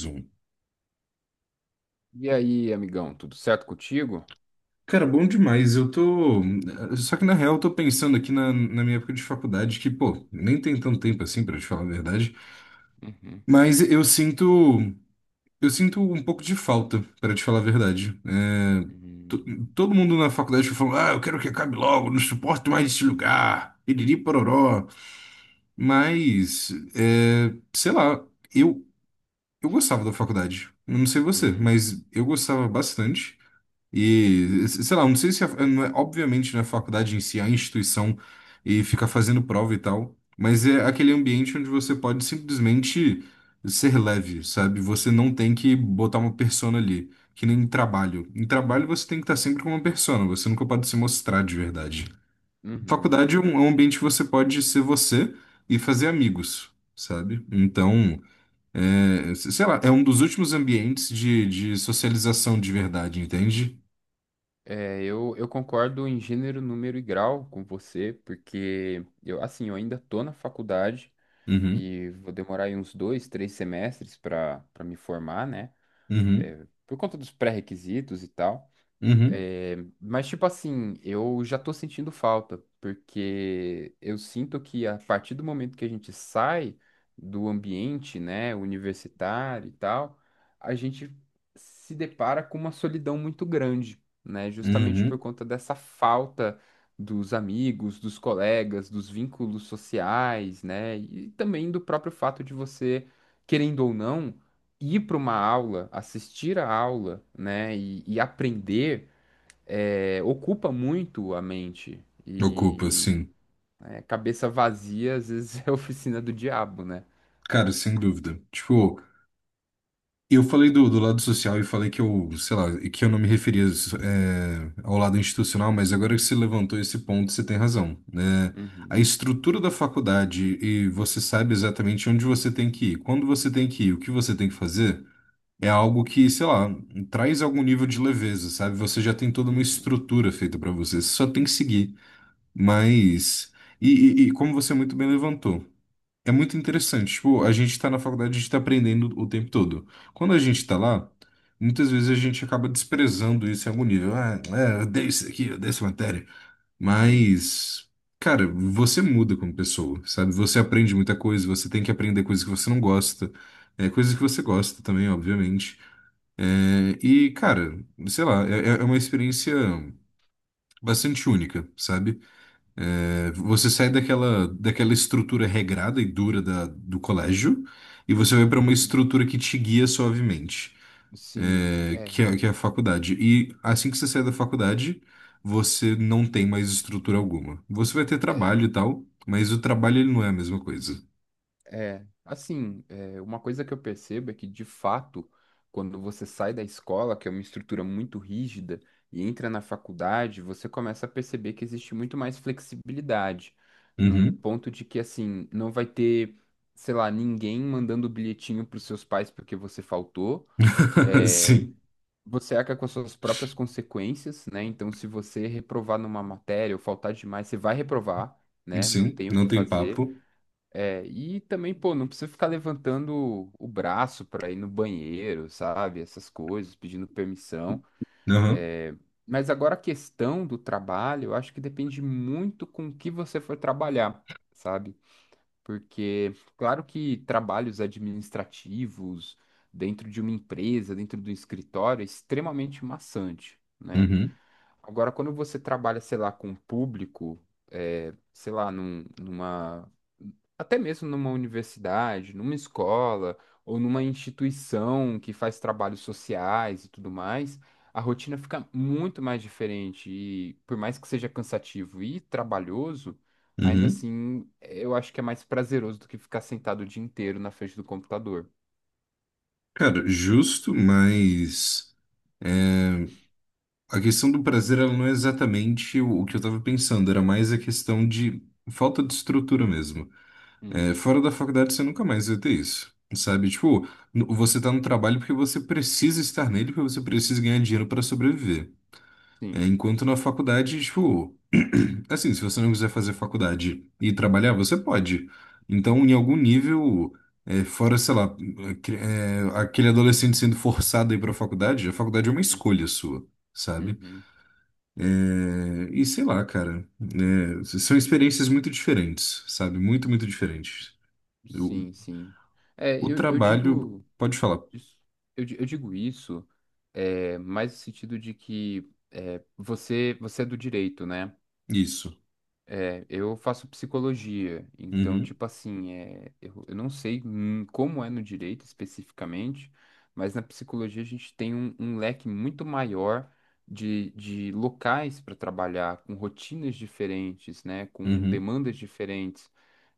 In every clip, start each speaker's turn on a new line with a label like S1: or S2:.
S1: Zoom.
S2: E aí, amigão, tudo certo contigo?
S1: Cara, bom demais. Eu tô. Só que na real, eu tô pensando aqui na minha época de faculdade, que, pô, nem tem tanto tempo assim, pra te falar a verdade.
S2: Uhum,
S1: Mas eu sinto. Eu sinto um pouco de falta, pra te falar a verdade. To-
S2: uhum,
S1: Todo mundo na faculdade falou: ah, eu quero que acabe logo, não suporto mais esse lugar. Iriri pororó. Mas, é, sei lá, eu, eu gostava da faculdade. Eu não sei você,
S2: uhum.
S1: mas eu gostava bastante. E, sei lá, não sei se, a- não é- obviamente, não é a faculdade em si, é a instituição, e ficar fazendo prova e tal, mas é aquele ambiente onde você pode simplesmente ser leve, sabe? Você não tem que botar uma persona ali, que nem em trabalho. Em trabalho você tem que estar sempre com uma persona, você nunca pode se mostrar de verdade.
S2: Uhum.
S1: Faculdade é um ambiente que você pode ser você e fazer amigos, sabe? Então, é, sei lá, é um dos últimos ambientes de socialização de verdade, entende?
S2: Eu concordo em gênero, número e grau com você, porque eu, assim, eu ainda tô na faculdade
S1: Uhum.
S2: e vou demorar aí uns dois, três semestres para me formar, né?
S1: Uhum,
S2: É, por conta dos pré-requisitos e tal.
S1: uhum,
S2: É, mas, tipo assim, eu já tô sentindo falta, porque eu sinto que a partir do momento que a gente sai do ambiente, né, universitário e tal, a gente se depara com uma solidão muito grande, né, justamente por
S1: uhum.
S2: conta dessa falta dos amigos, dos colegas, dos vínculos sociais, né, e também do próprio fato de você, querendo ou não, ir para uma aula, assistir a aula, né, e aprender ocupa muito a mente.
S1: Ocupa,
S2: E
S1: sim.
S2: é, cabeça vazia, às vezes, é a oficina do diabo, né?
S1: Cara, sem dúvida. Tipo, eu falei do lado social e falei que eu, sei lá, que eu não me referia, é, ao lado institucional, mas agora que você levantou esse ponto, você tem razão, né? A
S2: Uhum,
S1: estrutura da faculdade e você sabe exatamente onde você tem que ir, quando você tem que ir, o que você tem que fazer, é algo que, sei lá, traz algum nível de leveza, sabe? Você já tem toda uma
S2: uhum,
S1: estrutura feita pra você, você só tem que seguir. Mas. E, e como você muito bem levantou. É muito interessante. Tipo, a gente tá na faculdade, a gente tá aprendendo o tempo todo. Quando a gente tá
S2: uhum,
S1: lá, muitas vezes a gente acaba desprezando isso em algum nível. Ah, é, eu odeio isso aqui, eu odeio essa matéria.
S2: sim,
S1: Mas, cara, você muda como pessoa, sabe? Você aprende muita coisa, você tem que aprender coisas que você não gosta, é, coisas que você gosta também, obviamente. É, e, cara, sei lá, é uma experiência bastante única, sabe? É, você sai daquela estrutura regrada e dura do colégio e você vai para uma
S2: uhum,
S1: estrutura que te guia suavemente,
S2: sim,
S1: é,
S2: é.
S1: que é a faculdade. E assim que você sai da faculdade, você não tem mais estrutura alguma. Você vai ter trabalho e tal, mas o trabalho ele não é a mesma coisa.
S2: É, assim, é, uma coisa que eu percebo é que, de fato, quando você sai da escola, que é uma estrutura muito rígida, e entra na faculdade, você começa a perceber que existe muito mais flexibilidade, num
S1: Uhum.
S2: ponto de que, assim, não vai ter, sei lá, ninguém mandando bilhetinho para os seus pais porque você faltou. É,
S1: Sim,
S2: você arca com as suas próprias consequências, né? Então, se você reprovar numa matéria ou faltar demais, você vai reprovar, né? Não
S1: sim,
S2: tem o que
S1: não tem
S2: fazer.
S1: papo.
S2: É, e também, pô, não precisa ficar levantando o braço pra ir no banheiro, sabe? Essas coisas, pedindo permissão.
S1: Aham.
S2: É, mas agora a questão do trabalho, eu acho que depende muito com o que você for trabalhar, sabe? Porque, claro que trabalhos administrativos dentro de uma empresa, dentro do escritório, é extremamente maçante, né?
S1: Uhum.
S2: Agora, quando você trabalha, sei lá, com um público, é, sei lá, numa, até mesmo numa universidade, numa escola ou numa instituição que faz trabalhos sociais e tudo mais, a rotina fica muito mais diferente. E por mais que seja cansativo e trabalhoso, ainda
S1: Uhum.
S2: assim, eu acho que é mais prazeroso do que ficar sentado o dia inteiro na frente do computador.
S1: Cara, justo, mas. A questão do prazer, ela não é exatamente o que eu estava pensando, era mais a questão de falta de estrutura mesmo. É,
S2: Hum,
S1: fora da faculdade você nunca mais vai ter isso, sabe? Tipo, você tá no trabalho porque você precisa estar nele, porque você precisa ganhar dinheiro para sobreviver. É,
S2: sim.
S1: enquanto na faculdade, tipo, assim, se você não quiser fazer faculdade e trabalhar, você pode. Então, em algum nível, é, fora, sei lá, é, aquele adolescente sendo forçado a ir para a faculdade é uma escolha sua, sabe?
S2: Uhum.
S1: É, e sei lá, cara, né, são experiências muito diferentes, sabe? Muito, muito diferentes. O,
S2: Sim, sim. É,
S1: o
S2: eu, eu
S1: trabalho,
S2: digo.
S1: pode falar,
S2: Isso- eu digo isso mais no sentido de que é, você é do direito, né?
S1: isso.
S2: É, eu faço psicologia, então,
S1: Uhum,
S2: tipo assim, é, eu não sei como é no direito especificamente, mas na psicologia a gente tem um leque muito maior de locais para trabalhar, com rotinas diferentes, né? Com
S1: uhum,
S2: demandas diferentes.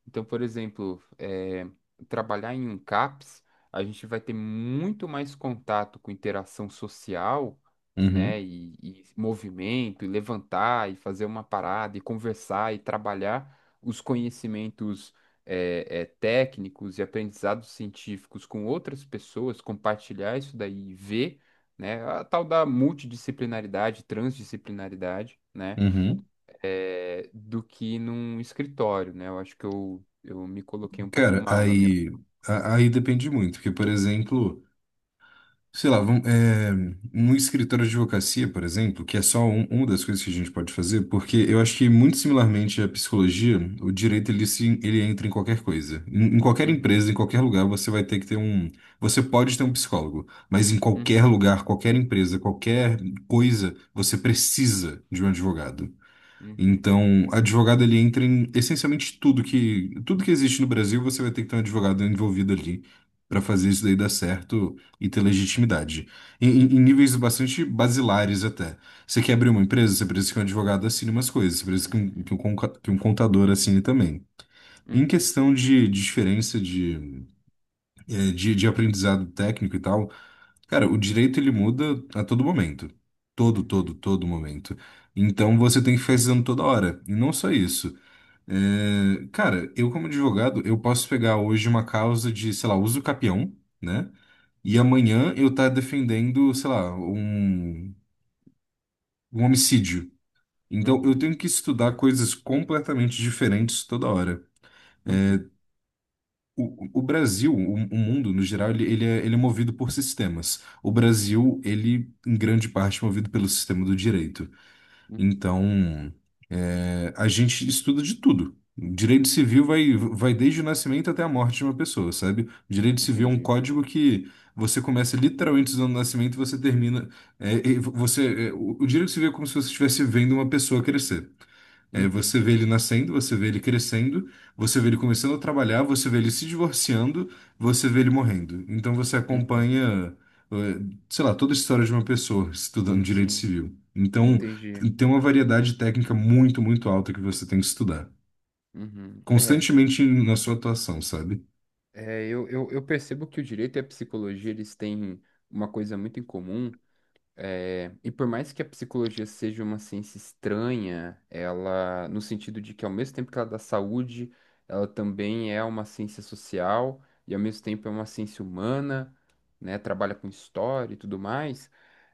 S2: Então, por exemplo, trabalhar em um CAPS, a gente vai ter muito mais contato com interação social, né?
S1: uhum,
S2: E movimento, e levantar, e fazer uma parada, e conversar, e trabalhar os conhecimentos técnicos e aprendizados científicos com outras pessoas, compartilhar isso daí e ver, né? A tal da multidisciplinaridade, transdisciplinaridade, né?
S1: uhum.
S2: Do que num escritório, né? Eu acho que eu me coloquei um pouco
S1: Cara,
S2: mal na minha.
S1: aí, aí depende muito, porque, por exemplo, sei lá, vamos, é, num escritório de advocacia, por exemplo, que é só uma das coisas que a gente pode fazer, porque eu acho que muito similarmente à psicologia, o direito ele, se, ele entra em qualquer coisa. Em qualquer
S2: Uhum,
S1: empresa, em qualquer lugar, você vai ter que ter um. Você pode ter um psicólogo, mas em qualquer
S2: uhum,
S1: lugar, qualquer empresa, qualquer coisa, você precisa de um advogado.
S2: uhum,
S1: Então, advogado ele entra em essencialmente tudo que existe no Brasil, você vai ter que ter um advogado envolvido ali para fazer isso daí dar certo e ter legitimidade. Em, em níveis bastante basilares até. Você quer abrir uma empresa, você precisa que um advogado assine umas coisas, você precisa que um,
S2: uhum,
S1: que um, conca- que um contador assine também. Em
S2: uhum,
S1: questão de diferença de, eh, de aprendizado técnico e tal, cara, o direito ele muda a todo momento. Todo,
S2: uhum,
S1: todo, todo momento. Então você tem que ficar estudando toda hora. E não só isso. É, cara, eu como advogado, eu posso pegar hoje uma causa de, sei lá, uso capião, né? E amanhã eu tá defendendo, sei lá, um homicídio. Então eu
S2: uhum,
S1: tenho que estudar coisas completamente diferentes toda hora.
S2: uhum,
S1: O Brasil, o mundo no geral, ele, ele é movido por sistemas. O Brasil, ele, em grande parte, é movido pelo sistema do direito.
S2: uhum.
S1: Então, é, a gente estuda de tudo. Direito civil vai desde o nascimento até a morte de uma pessoa, sabe? Direito civil é um
S2: Entendi.
S1: código que você começa literalmente usando o nascimento e você termina. É, e você, é, o direito civil é como se você estivesse vendo uma pessoa crescer. É,
S2: Uhum,
S1: você vê ele nascendo, você vê ele crescendo, você vê ele começando a trabalhar, você vê ele se divorciando, você vê ele morrendo. Então você
S2: uhum.
S1: acompanha, eh, sei lá, toda a história de uma pessoa estudando direito
S2: Sim,
S1: civil. Então
S2: entendi.
S1: tem uma variedade técnica muito, muito alta que você tem que estudar.
S2: Uhum.
S1: Constantemente na sua atuação, sabe?
S2: Eu percebo que o direito e a psicologia, eles têm uma coisa muito em comum. É, e por mais que a psicologia seja uma ciência estranha, ela, no sentido de que ao mesmo tempo que ela dá saúde, ela também é uma ciência social e ao mesmo tempo é uma ciência humana, né, trabalha com história e tudo mais,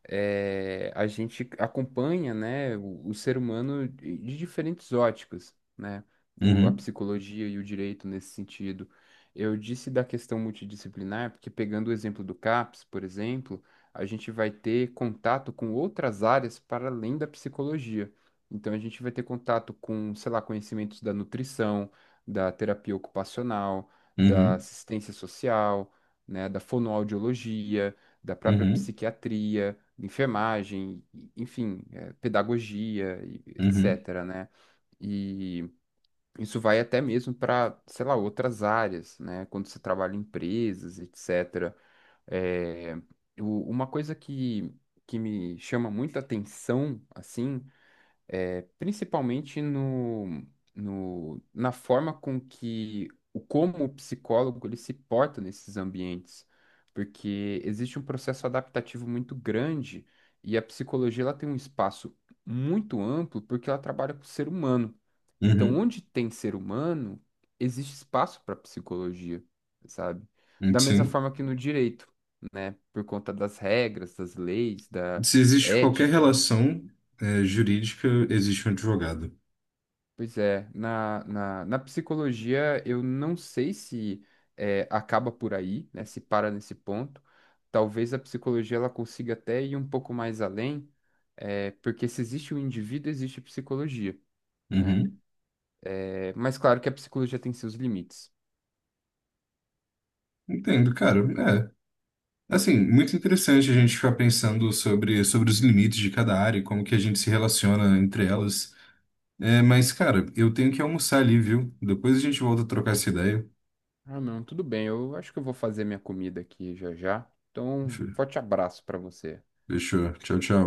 S2: é, a gente acompanha, né, o ser humano de diferentes óticas, né, a
S1: Uhum,
S2: psicologia e o direito nesse sentido. Eu disse da questão multidisciplinar, porque pegando o exemplo do CAPS, por exemplo, a gente vai ter contato com outras áreas para além da psicologia. Então, a gente vai ter contato com, sei lá, conhecimentos da nutrição, da terapia ocupacional, da
S1: uhum,
S2: assistência social, né, da fonoaudiologia, da própria
S1: uhum,
S2: psiquiatria, enfermagem, enfim, eh, pedagogia,
S1: uhum,
S2: etc., né? E isso vai até mesmo para, sei lá, outras áreas, né? Quando você trabalha em empresas, etc. É, uma coisa que me chama muita atenção, assim, é, principalmente no, no, na forma com que o como o psicólogo ele se porta nesses ambientes, porque existe um processo adaptativo muito grande e a psicologia ela tem um espaço muito amplo porque ela trabalha com o ser humano. Então,
S1: uhum.
S2: onde tem ser humano, existe espaço para psicologia, sabe? Da mesma
S1: Sim.
S2: forma que no direito, né? Por conta das regras, das leis, da
S1: Se existe qualquer
S2: ética.
S1: relação, eh, jurídica, existe um advogado.
S2: Pois é, na psicologia eu não sei se acaba por aí, né, se para nesse ponto. Talvez a psicologia ela consiga até ir um pouco mais além, eh, porque se existe o indivíduo, existe a psicologia, né?
S1: Uhum.
S2: Eh, mas claro que a psicologia tem seus limites.
S1: Entendo, cara. É, assim, muito interessante a gente ficar pensando sobre os limites de cada área e como que a gente se relaciona entre elas. É, mas, cara, eu tenho que almoçar ali, viu? Depois a gente volta a trocar essa ideia.
S2: Ah, não, tudo bem, eu acho que eu vou fazer minha comida aqui já já. Então, forte abraço para você.
S1: Fechou. Tchau, tchau.